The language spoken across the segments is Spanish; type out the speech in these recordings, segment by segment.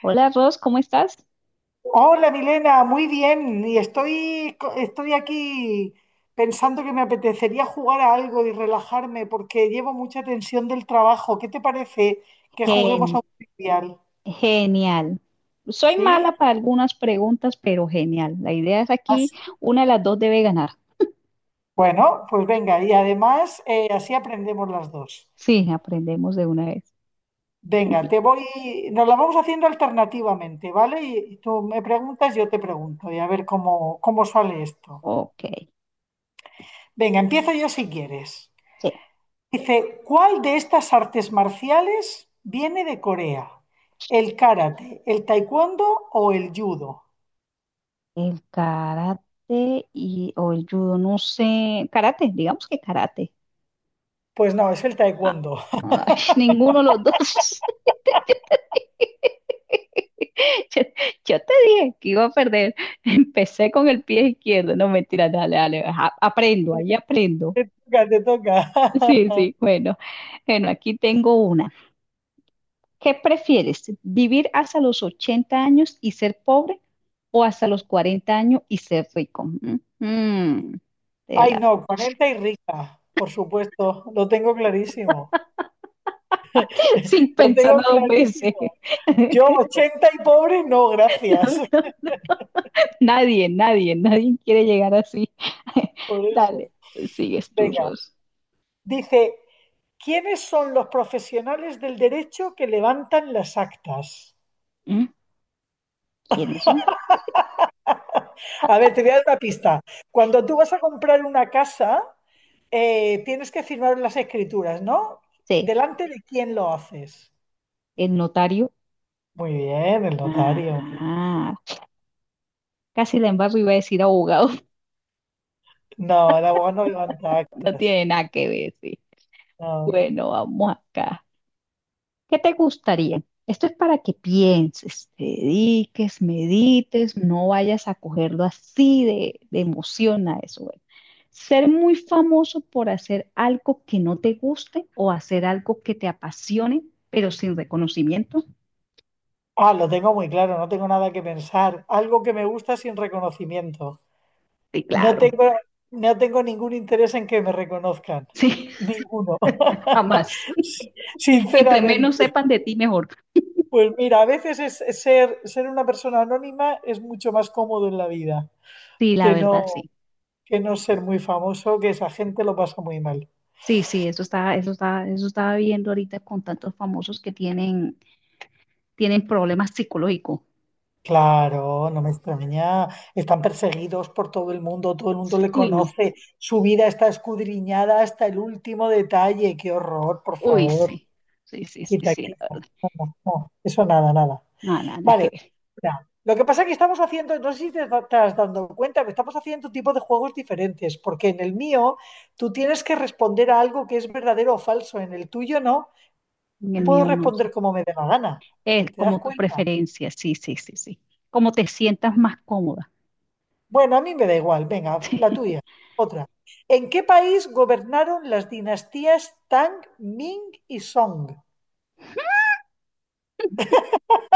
Hola Ros, ¿cómo estás? Hola Milena, muy bien. Y estoy aquí pensando que me apetecería jugar a algo y relajarme porque llevo mucha tensión del trabajo. ¿Qué te parece que juguemos a Gen- un trivial? genial. Soy ¿Sí? mala para algunas preguntas, pero genial. La idea es aquí, Así. una de las dos debe ganar. Bueno, pues venga, y además así aprendemos las dos. Sí, aprendemos de una vez. Venga, Empie- nos la vamos haciendo alternativamente, ¿vale? Y tú me preguntas, yo te pregunto, y a ver cómo sale esto. Ok, Venga, empiezo yo si quieres. sí. Dice, ¿cuál de estas artes marciales viene de Corea? ¿El karate, el taekwondo o el judo? El karate y, o el judo, no sé. Karate, digamos que karate. Pues no, es el Ah, taekwondo. ay, ninguno de los dos. Yo, yo te dije que iba a perder. Empecé con el pie izquierdo. No, mentira, dale, dale. Aprendo, ahí aprendo. Te toca, te toca. Sí, sí, bueno. Bueno, aquí tengo una. ¿Qué prefieres? ¿Vivir hasta los 80 años y ser pobre o hasta los 40 años y ser rico? Te Ay, la- no, 40 y rica, por supuesto. Lo tengo clarísimo. Sin Lo pensarlo tengo dos veces. clarísimo. Yo 80 y pobre, no, gracias. Nadie, nadie, nadie quiere llegar así. Por eso. Dale, sigues tú, Venga, Ros. dice, ¿quiénes son los profesionales del derecho que levantan las actas? ¿Mm? ¿Quiénes son? A ver, te voy a dar una pista. Cuando tú vas a comprar una casa, tienes que firmar las escrituras, ¿no? Sí, ¿Delante de quién lo haces? el notario. Muy bien, el notario. Ah, casi la embarro, iba a decir abogado. No, el abogado no levanta No actas. tiene nada que ver, sí. No. Bueno, vamos acá. ¿Qué te gustaría? Esto es para que pienses, te dediques, medites, no vayas a cogerlo así de emoción a eso. Bueno. Ser muy famoso por hacer algo que no te guste o hacer algo que te apasione, pero sin reconocimiento. Ah, lo tengo muy claro, no tengo nada que pensar. Algo que me gusta sin reconocimiento. Sí, No claro. tengo, no tengo ningún interés en que me reconozcan. Sí, Ninguno. jamás. Entre menos Sinceramente. sepan de ti, mejor. Pues mira, a veces es ser una persona anónima es mucho más cómodo en la vida Sí, la que verdad, no, sí. que no ser muy famoso, que esa gente lo pasa muy mal. Sí, sí, eso estaba viendo ahorita con tantos famosos que tienen problemas psicológicos. Claro, no me extraña. Están perseguidos por todo el mundo Sí, le uy, no. conoce. Su vida está escudriñada hasta el último detalle. Qué horror, por Uy, favor. sí, sí, sí, sí, Quita, sí, la quita. verdad. No, no, no. Eso nada, nada. No, nada, nada que Vale. ver. Mira, lo que pasa es que estamos haciendo, no sé si te estás dando cuenta, que estamos haciendo tipo de juegos diferentes, porque en el mío tú tienes que responder a algo que es verdadero o falso, en el tuyo no, En te el puedo mío no responder sé. como me dé la gana. Es ¿Te das como tu cuenta? preferencia, sí, sí, sí, sí. Como te sientas más cómoda. Bueno, a mí me da igual, venga, la tuya, otra. ¿En qué país gobernaron las dinastías Tang, Ming y Song?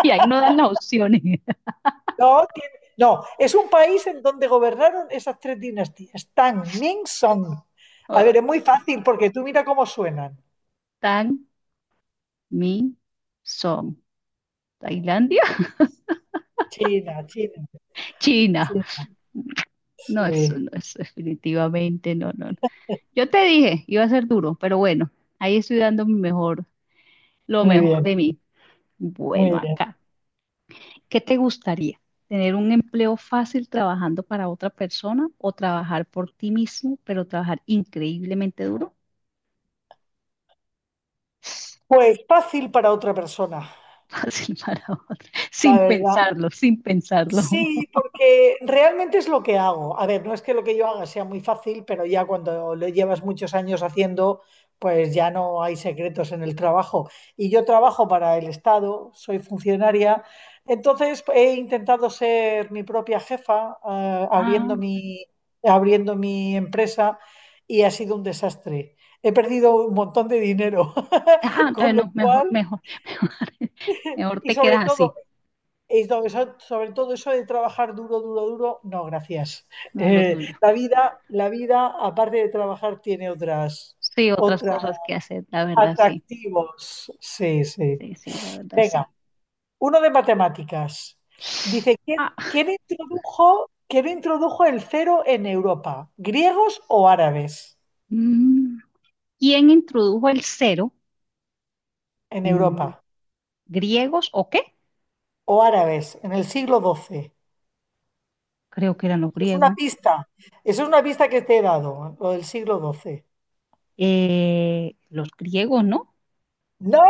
Y ahí no dan las opciones. No, no, es un país en donde gobernaron esas tres dinastías, Tang, Ming, Song. A Oh, ver, es muy fácil porque tú mira cómo suenan. tan, mi, son. Tailandia, China, China, China. China. No, eso Sí, no, eso definitivamente no, no. No. Yo te dije, iba a ser duro, pero bueno, ahí estoy dando mi mejor, lo muy mejor bien, de mí. Bueno, muy bien. acá. ¿Qué te gustaría? ¿Tener un empleo fácil trabajando para otra persona o trabajar por ti mismo, pero trabajar increíblemente duro? Pues fácil para otra persona, Fácil para otra. la Sin verdad. pensarlo, sin pensarlo. Sí, porque realmente es lo que hago. A ver, no es que lo que yo haga sea muy fácil, pero ya cuando lo llevas muchos años haciendo, pues ya no hay secretos en el trabajo. Y yo trabajo para el Estado, soy funcionaria, entonces he intentado ser mi propia jefa, Ah, abriendo mi empresa y ha sido un desastre. He perdido un montón de dinero, con lo no, mejor, cual, mejor, mejor, mejor y te sobre quedas todo así, sobre todo eso de trabajar duro, duro, duro, no, gracias. no es lo tuyo. la vida, aparte de trabajar, tiene otras, Sí, otras otras cosas que hacer, la verdad, sí. atractivos. Sí, sí. Sí, sí, la verdad, sí. Venga, uno de matemáticas. Dice, ¿quién, Ah, quién introdujo, quién introdujo el cero en Europa? ¿Griegos o árabes? mm, ¿quién introdujo el cero? En Mm, Europa. ¿Griegos o qué? O árabes, en el siglo XII. Creo que eran los Es una griegos. pista. Eso es una pista que te he dado, lo del siglo XII. Los griegos, ¿no? No,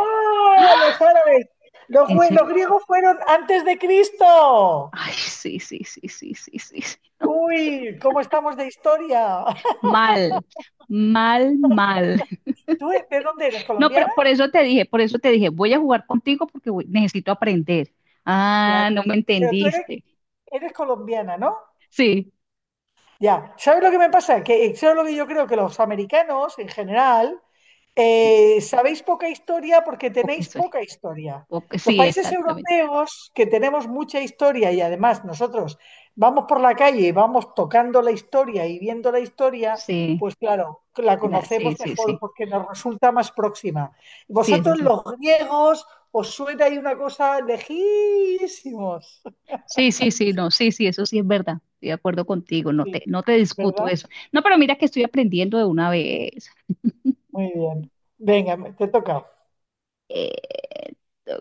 los árabes. Los, ¿En grie- los serio? griegos fueron antes de Cristo. Ay, sí, sí, sí, sí, sí, sí, sí. No. Uy, ¿cómo estamos de historia? Mal, mal, mal. ¿Tú de dónde eres? No, pero ¿Colombiana? por eso te dije, voy a jugar contigo porque necesito aprender. Ah, Claro. no me Pero tú eres, entendiste. eres colombiana, ¿no? Sí, Ya. ¿Sabes lo que me pasa? Que ¿sabes lo que yo creo? Que los americanos en general sabéis poca historia porque ok, tenéis sorry. poca historia. Ok, Los sí, países exactamente. europeos que tenemos mucha historia y además nosotros vamos por la calle y vamos tocando la historia y viendo la historia, Sí, pues claro, la sí, conocemos sí, mejor sí. porque nos resulta más próxima. Sí, es Vosotros así. los griegos os suena ahí una cosa lejísimos. Sí, sí, sí, no, sí, sí, eso sí es verdad. Estoy de acuerdo contigo, no te, Sí, no te discuto ¿verdad? eso. No, pero mira que estoy aprendiendo de una vez. Muy bien. Venga, te toca. Eh,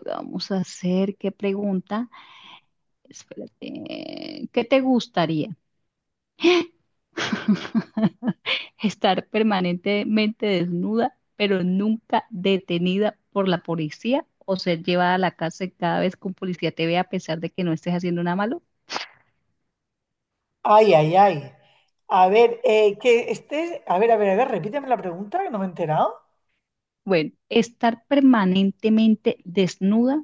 vamos a hacer, ¿qué pregunta? Espérate, ¿qué te gustaría? ¿Estar permanentemente desnuda, pero nunca detenida por la policía o ser llevada a la cárcel cada vez que un policía te vea a pesar de que no estés haciendo nada malo? Ay, ay, ay. A ver, que estés. A ver, a ver, a ver, repíteme la pregunta que no me he enterado. Bueno, estar permanentemente desnuda,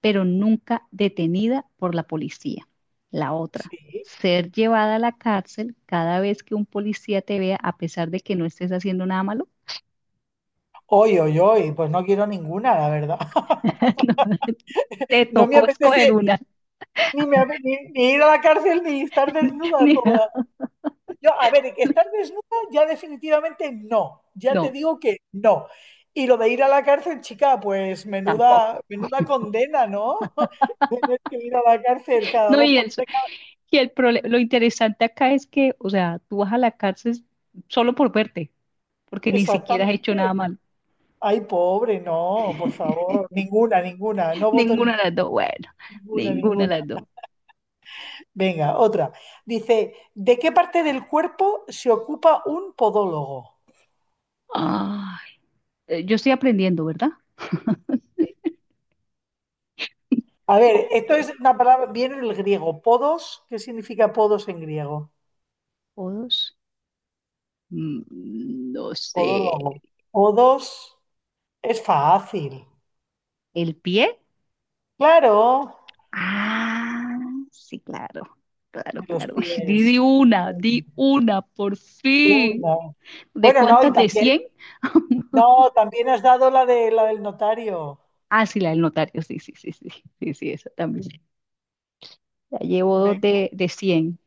pero nunca detenida por la policía. La otra, Sí. ser llevada a la cárcel cada vez que un policía te vea a pesar de que no estés haciendo nada malo. Hoy, hoy, hoy. Pues no quiero ninguna, la verdad. No, te No me tocó escoger apetece una. ni ir a la cárcel ni estar desnuda Ni- toda. Yo, a ver, que estar desnuda ya definitivamente no. Ya te No, digo que no. Y lo de ir a la cárcel, chica, pues menuda, tampoco. menuda condena, ¿no? Tener que ir a la cárcel cada No, dos y por el, tres. y el prole- lo interesante acá es que, o sea, tú vas a la cárcel solo por verte, porque ni siquiera has hecho nada Exactamente. malo. Ay, pobre, no, por favor, ninguna, ninguna, no voto Ninguna de las dos, bueno, ninguna, ninguna de ninguna. las dos. Venga, otra. Dice, ¿de qué parte del cuerpo se ocupa un podólogo? Ay, yo estoy aprendiendo, ¿verdad? Sí. A ver, O, esto es una palabra, viene del griego, podos, ¿qué significa podos en griego? o dos. No sé, Podólogo. Podos es fácil. ¿el pie? Claro, Ah, sí, claro, claro, en los claro. Uy, pies. Di una, por fin. Una. ¿De Bueno, no, y cuántas? ¿De también, 100? no, también has dado la de la del notario. Ah, sí, la del notario, sí, sí, sí, sí, sí, sí, esa también. Ya llevo Ve- dos de 100.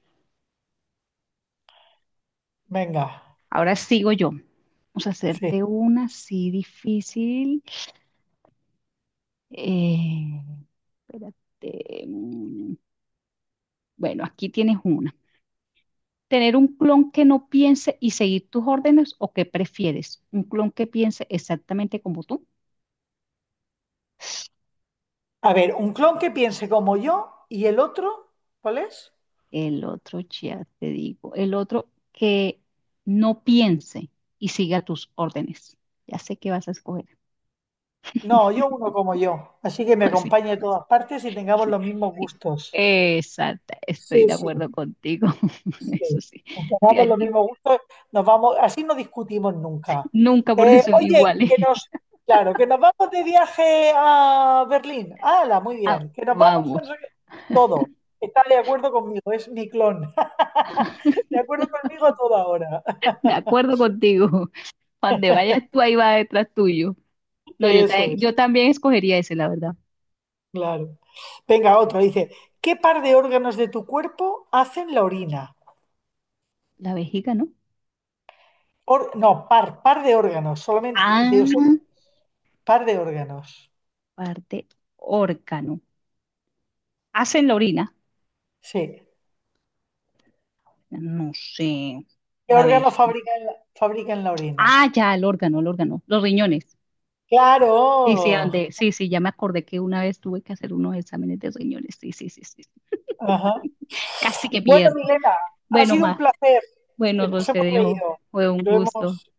Venga, Ahora sigo yo. Vamos a sí. hacerte una así difícil. Eh, espérate. Bueno, aquí tienes una. ¿Tener un clon que no piense y seguir tus órdenes o qué prefieres? ¿Un clon que piense exactamente como tú? A ver, un clon que piense como yo y el otro, ¿cuál es? El otro, ya te digo, el otro que no piense y siga tus órdenes. Ya sé que vas a escoger. No, yo uno como yo. Así que me Así. acompañe a todas partes y tengamos los mismos gustos. Exacta, estoy Sí, de sí, acuerdo contigo. sí. Eso sí, sí, Tengamos los mismos gustos, nos vamos, así no discutimos nunca. nunca porque son Oye, iguales. que nos, claro, que nos vamos de viaje a Berlín. ¡Hala! Muy Ah, bien. Que nos vamos a no vamos, sé qué. Todo. Está de acuerdo conmigo, es mi clon. De acuerdo conmigo a toda hora. de acuerdo contigo. Donde vayas tú, ahí va detrás tuyo. No, Eso es. yo también escogería ese, la verdad. Claro. Venga, otro. Dice, ¿qué par de órganos de tu cuerpo hacen la orina? La vejiga, ¿no? No, par de órganos, solamente, Ah, par de órganos. parte órgano. Hacen la orina. Sí. No sé. ¿Qué La órgano vejiga. fabrican la orina? Ah, ya, el órgano, el órgano. Los riñones. Sí, sí, Claro. Sí, sí, ya me acordé que una vez tuve que hacer unos exámenes de riñones. Sí, sí, sí, sí. Ajá. Casi que Bueno, pierdo. Milena, ha Bueno, sido un placer. bueno, Nos Ros, te hemos dejo. reído. Fue un Lo gusto. hemos...